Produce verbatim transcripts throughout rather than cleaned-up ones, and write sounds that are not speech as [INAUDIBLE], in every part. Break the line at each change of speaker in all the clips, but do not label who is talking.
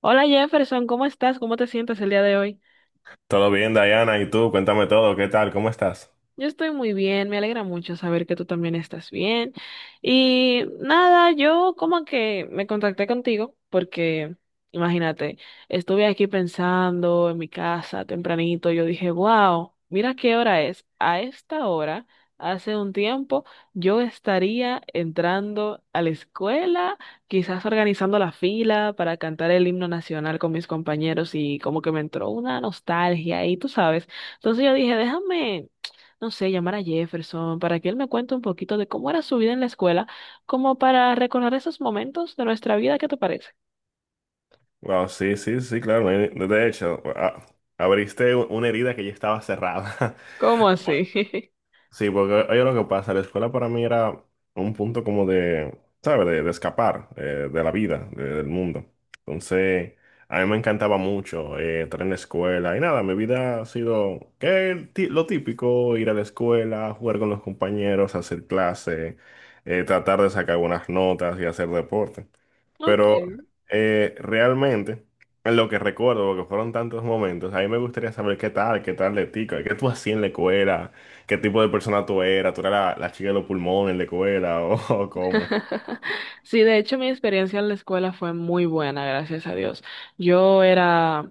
Hola Jefferson, ¿cómo estás? ¿Cómo te sientes el día de hoy?
Todo bien, Diana, ¿y tú? Cuéntame todo, ¿qué tal? ¿Cómo estás?
Yo estoy muy bien, me alegra mucho saber que tú también estás bien. Y nada, yo como que me contacté contigo porque, imagínate, estuve aquí pensando en mi casa tempranito, yo dije, wow, mira qué hora es. A esta hora, hace un tiempo, yo estaría entrando a la escuela, quizás organizando la fila para cantar el himno nacional con mis compañeros y como que me entró una nostalgia y tú sabes. Entonces yo dije, déjame no sé, llamar a Jefferson para que él me cuente un poquito de cómo era su vida en la escuela, como para recordar esos momentos de nuestra vida, ¿qué te parece?
Wow, sí, sí, sí, claro. me- De hecho, a- abriste u- una herida que ya estaba cerrada. [LAUGHS]
¿Cómo así? [LAUGHS]
Sí, porque oye lo que pasa, la escuela para mí era un punto como de, ¿sabes? De, de escapar eh, de la vida, de- del mundo. Entonces, a mí me encantaba mucho eh, estar en la escuela y nada, mi vida ha sido que el ti- lo típico: ir a la escuela, jugar con los compañeros, hacer clase, eh, tratar de sacar buenas notas y hacer deporte.
Ok.
Pero eh, realmente, en lo que recuerdo, porque fueron tantos momentos, a mí me gustaría saber qué tal, qué tal de ti, qué tú hacías en la escuela, qué tipo de persona tú eras. ¿Tú eras la, la chica de los pulmones en la escuela o, [LAUGHS] o cómo?
[LAUGHS] Sí, de hecho mi experiencia en la escuela fue muy buena, gracias a Dios. Yo era.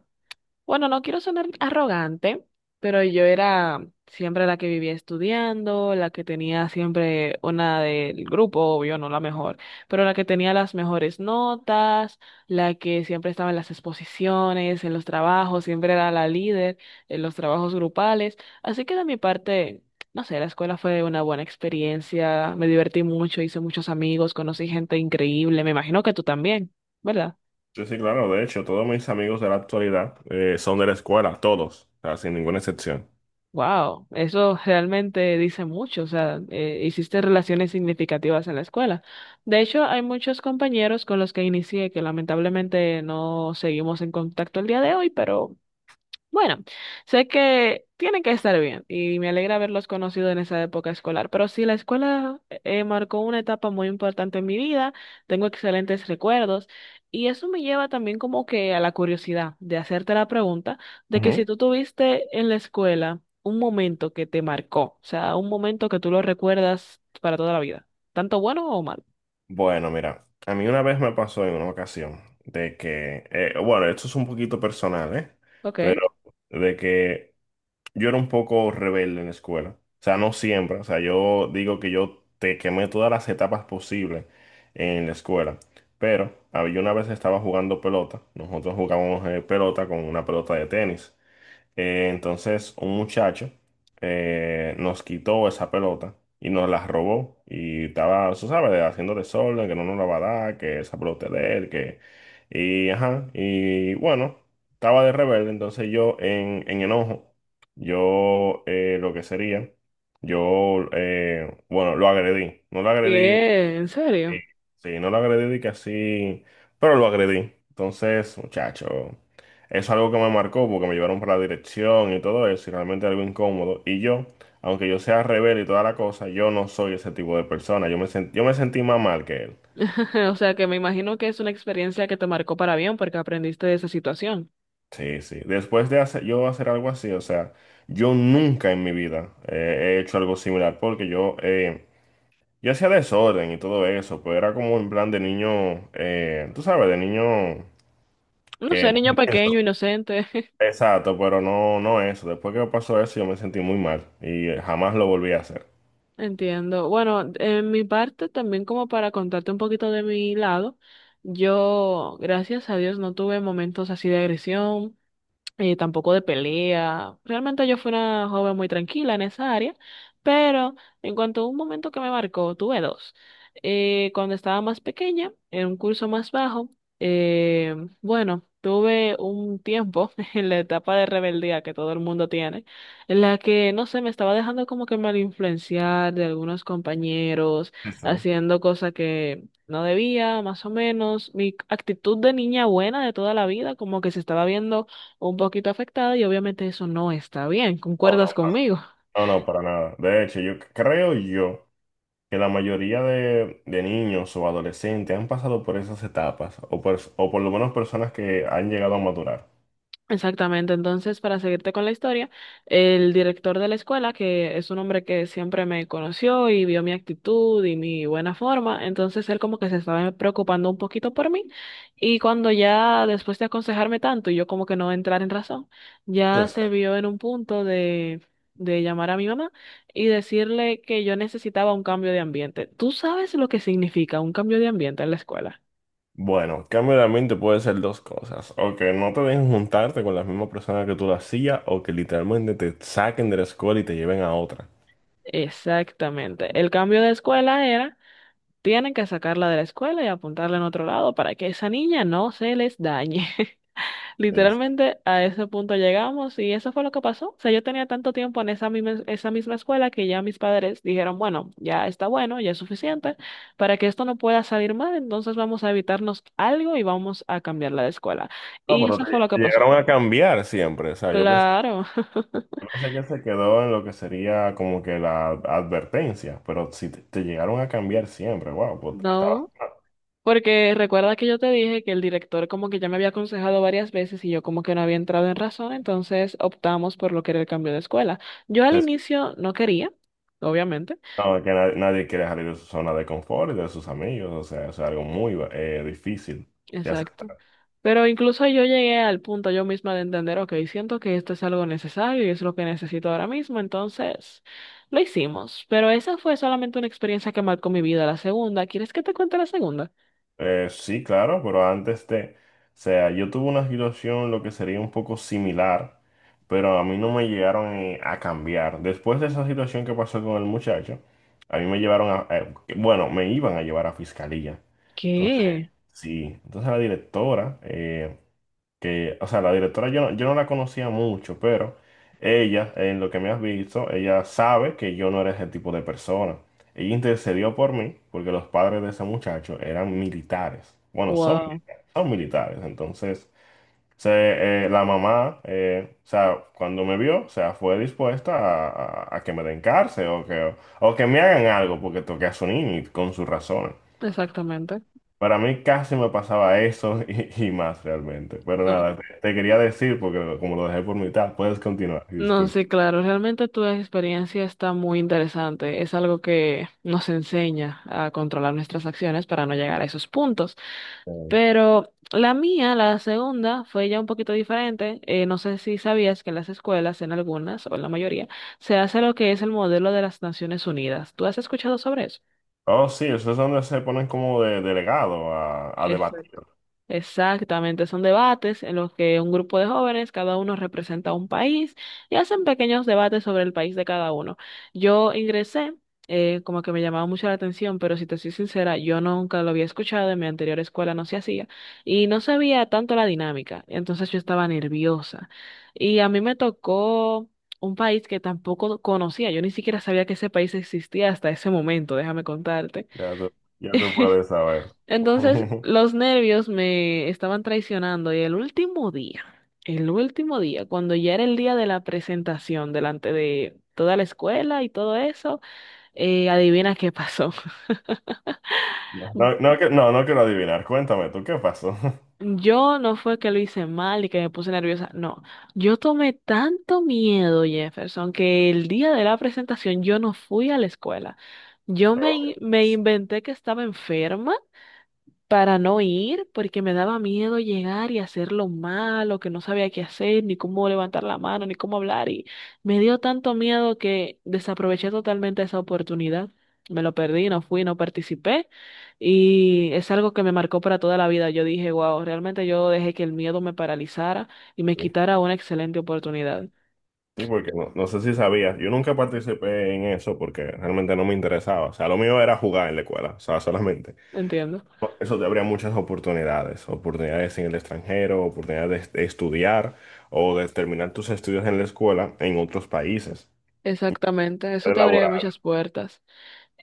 Bueno, no quiero sonar arrogante, pero yo era siempre la que vivía estudiando, la que tenía siempre una del grupo, obvio, no la mejor, pero la que tenía las mejores notas, la que siempre estaba en las exposiciones, en los trabajos, siempre era la líder en los trabajos grupales. Así que de mi parte, no sé, la escuela fue una buena experiencia, me divertí mucho, hice muchos amigos, conocí gente increíble, me imagino que tú también, ¿verdad?
Sí, sí, claro, de hecho, todos mis amigos de la actualidad eh, son de la escuela, todos, o sea, sin ninguna excepción.
Wow, eso realmente dice mucho, o sea, eh, hiciste relaciones significativas en la escuela. De hecho, hay muchos compañeros con los que inicié que lamentablemente no seguimos en contacto el día de hoy, pero bueno, sé que tienen que estar bien y me alegra haberlos conocido en esa época escolar, pero sí, la escuela eh, eh, marcó una etapa muy importante en mi vida, tengo excelentes recuerdos y eso me lleva también como que a la curiosidad de hacerte la pregunta de que
Ujú.
si tú tuviste en la escuela un momento que te marcó, o sea, un momento que tú lo recuerdas para toda la vida, tanto bueno o malo.
Bueno, mira, a mí una vez me pasó en una ocasión de que, eh, bueno, esto es un poquito personal, ¿eh?
Ok.
Pero de que yo era un poco rebelde en la escuela. O sea, no siempre. O sea, yo digo que yo te quemé todas las etapas posibles en la escuela. Pero ah, yo una vez estaba jugando pelota. Nosotros jugábamos eh, pelota con una pelota de tenis. Eh, entonces, un muchacho eh, nos quitó esa pelota y nos la robó. Y estaba, tú sabes, haciendo desorden, que no nos la va a dar, que esa pelota es de él, que... Y, ajá, y bueno, estaba de rebelde. Entonces yo, en, en enojo, yo eh, lo que sería, yo, eh, bueno, lo agredí. No lo agredí.
¿Qué? ¿En
Sí,
serio?
sí, no lo agredí de que así, pero lo agredí. Entonces, muchacho, eso es algo que me marcó porque me llevaron para la dirección y todo eso, y realmente algo incómodo. Y yo, aunque yo sea rebelde y toda la cosa, yo no soy ese tipo de persona. Yo me sen- yo me sentí más mal que él.
[LAUGHS] O sea, que me imagino que es una experiencia que te marcó para bien porque aprendiste de esa situación.
Sí, sí. Después de hacer, yo hacer algo así, o sea, yo nunca en mi vida eh, he hecho algo similar porque yo, eh, yo hacía desorden y todo eso, pero era como en plan de niño, eh, tú sabes, de niño
No
que...
sé, niño pequeño, inocente. [LAUGHS]
Exacto, pero no, no eso. Después que me pasó eso, yo me sentí muy mal y eh, jamás lo volví a hacer.
Entiendo. Bueno, en mi parte también como para contarte un poquito de mi lado, yo, gracias a Dios, no tuve momentos así de agresión. Eh, tampoco de pelea. Realmente yo fui una joven muy tranquila en esa área, pero en cuanto a un momento que me marcó, tuve dos. Eh, cuando estaba más pequeña, en un curso más bajo, eh, bueno, tuve un tiempo [LAUGHS] en la etapa de rebeldía que todo el mundo tiene, en la que, no sé, me estaba dejando como que mal influenciar de algunos compañeros,
Sí, sí.
haciendo cosas que... No debía, más o menos, mi actitud de niña buena de toda la vida, como que se estaba viendo un poquito afectada y obviamente eso no está bien.
No, no,
¿Concuerdas
pa-
conmigo?
no, no, para nada. De hecho, yo c- creo yo que la mayoría de, de niños o adolescentes han pasado por esas etapas, o por, o por lo menos personas que han llegado a maturar.
Exactamente. Entonces, para seguirte con la historia, el director de la escuela, que es un hombre que siempre me conoció y vio mi actitud y mi buena forma, entonces él como que se estaba preocupando un poquito por mí y cuando ya después de aconsejarme tanto y yo como que no entrar en razón, ya
Entonces,
se vio en un punto de de llamar a mi mamá y decirle que yo necesitaba un cambio de ambiente. ¿Tú sabes lo que significa un cambio de ambiente en la escuela?
bueno, cambio de ambiente puede ser dos cosas: o que no te dejen juntarte con las mismas personas que tú lo hacías, o que literalmente te saquen de la escuela y te lleven a otra.
Exactamente. El cambio de escuela era, tienen que sacarla de la escuela y apuntarla en otro lado para que esa niña no se les dañe. [LAUGHS]
Sí, sí.
Literalmente a ese punto llegamos y eso fue lo que pasó. O sea, yo tenía tanto tiempo en esa misma, esa misma escuela que ya mis padres dijeron, bueno, ya está bueno, ya es suficiente para que esto no pueda salir mal, entonces vamos a evitarnos algo y vamos a cambiarla de escuela.
Ah,
Y
pero
eso fue lo que
te
pasó.
llegaron a cambiar siempre, o sea, yo pensé.
Claro. [LAUGHS]
Parece que se quedó en lo que sería como que la advertencia, pero si te, te llegaron a cambiar siempre, wow, pues estabas...
No. Porque recuerda que yo te dije que el director como que ya me había aconsejado varias veces y yo como que no había entrado en razón, entonces optamos por lo que era el cambio de escuela. Yo al
es-
inicio no quería, obviamente,
no, que nadie, nadie quiere salir de su zona de confort y de sus amigos, o sea, es algo muy eh, difícil de
exacto,
aceptar.
pero incluso yo llegué al punto yo misma de entender, ok, siento que esto es algo necesario y es lo que necesito ahora mismo, entonces lo hicimos, pero esa fue solamente una experiencia que marcó mi vida. La segunda, ¿quieres que te cuente la segunda?
Eh, sí, claro, pero antes de, o sea, yo tuve una situación lo que sería un poco similar, pero a mí no me llegaron eh, a cambiar. Después de esa situación que pasó con el muchacho, a mí me llevaron a, eh, bueno, me iban a llevar a fiscalía. Entonces,
¿Qué?
sí, entonces la directora, eh, que, o sea, la directora yo no, yo no la conocía mucho, pero ella, en lo que me has visto, ella sabe que yo no era ese tipo de persona. Ella intercedió por mí porque los padres de ese muchacho eran militares. Bueno, son
Wow,
militares, son militares. Entonces, se, eh, la mamá, eh, o sea, cuando me vio, o sea, fue dispuesta a, a- a que me den cárcel o que, o que me hagan algo porque toqué a su niño y con sus razones.
exactamente.
Para mí casi me pasaba eso [LAUGHS] y, y más realmente. Pero nada, te, te quería decir, porque como lo dejé por mitad, puedes continuar,
No,
disculpa.
sí, claro, realmente tu experiencia está muy interesante. Es algo que nos enseña a controlar nuestras acciones para no llegar a esos puntos.
Eh,
Pero la mía, la segunda, fue ya un poquito diferente. Eh, no sé si sabías que en las escuelas, en algunas o en la mayoría, se hace lo que es el modelo de las Naciones Unidas. ¿Tú has escuchado sobre eso?
Oh, sí, eso es donde se ponen como de delegado a, a
Exacto.
debatir.
Exactamente, son debates en los que un grupo de jóvenes, cada uno representa un país y hacen pequeños debates sobre el país de cada uno. Yo ingresé, eh, como que me llamaba mucho la atención, pero si te soy sincera, yo nunca lo había escuchado, en mi anterior escuela no se hacía y no sabía tanto la dinámica, entonces yo estaba nerviosa. Y a mí me tocó un país que tampoco conocía, yo ni siquiera sabía que ese país existía hasta ese momento, déjame contarte.
Ya tú, ya tú puedes saber.
Entonces
[LAUGHS]
los nervios me estaban traicionando y el último día, el último día, cuando ya era el día de la presentación delante de toda la escuela y todo eso, eh, adivina qué pasó. [LAUGHS]
No, no, no que- no, no quiero adivinar. Cuéntame tú, ¿qué pasó? [LAUGHS]
Yo no fue que lo hice mal y que me puse nerviosa, no. Yo tomé tanto miedo, Jefferson, que el día de la presentación yo no fui a la escuela. Yo me, in-
No.
me inventé que estaba enferma para no ir, porque me daba miedo llegar y hacerlo mal, o que no sabía qué hacer, ni cómo levantar la mano, ni cómo hablar, y me dio tanto miedo que desaproveché totalmente esa oportunidad. Me lo perdí, no fui, no participé, y es algo que me marcó para toda la vida. Yo dije, wow, realmente yo dejé que el miedo me paralizara y me
Sí.
quitara una excelente oportunidad.
Sí, porque no, no sé si sabías. Yo nunca participé en eso porque realmente no me interesaba. O sea, lo mío era jugar en la escuela, o sea, solamente.
Entiendo.
Eso te habría muchas oportunidades, oportunidades en el extranjero, oportunidades de estudiar o de terminar tus estudios en la escuela en otros países,
Exactamente, eso
de...
te abría muchas puertas.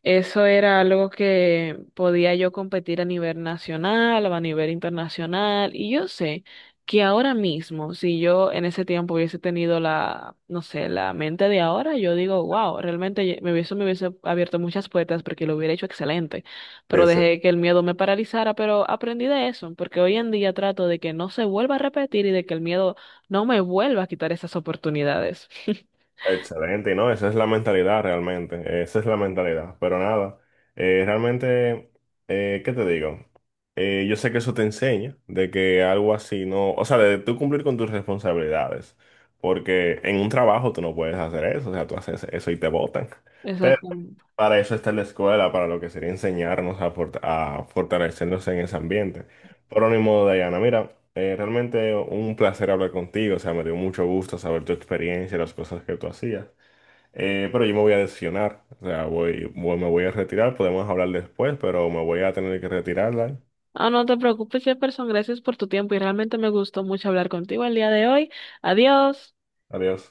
Eso era algo que podía yo competir a nivel nacional o a nivel internacional. Y yo sé que ahora mismo, si yo en ese tiempo hubiese tenido la, no sé, la mente de ahora, yo digo, wow, realmente ye- me hubiese, me hubiese abierto muchas puertas porque lo hubiera hecho excelente. Pero
Sí, sí.
dejé que el miedo me paralizara, pero aprendí de eso, porque hoy en día trato de que no se vuelva a repetir y de que el miedo no me vuelva a quitar esas oportunidades. [LAUGHS]
Excelente, y no, esa es la mentalidad realmente, esa es la mentalidad. Pero nada, eh, realmente, eh, ¿qué te digo? Eh, yo sé que eso te enseña de que algo así no, o sea, de tú cumplir con tus responsabilidades, porque en un trabajo tú no puedes hacer eso, o sea, tú haces eso y te botan. Pero
Exacto.
para eso está la escuela, para lo que sería enseñarnos a, fort- a fortalecernos en ese ambiente. Pero ni modo, Dayana, mira, eh, realmente un placer hablar contigo, o sea, me dio mucho gusto saber tu experiencia y las cosas que tú hacías. Eh, pero yo me voy a decepcionar, o sea, voy, voy- me voy a retirar, podemos hablar después, pero me voy a tener que retirarla.
Ah, no te preocupes, Jefferson. Gracias por tu tiempo y realmente me gustó mucho hablar contigo el día de hoy. Adiós.
Adiós.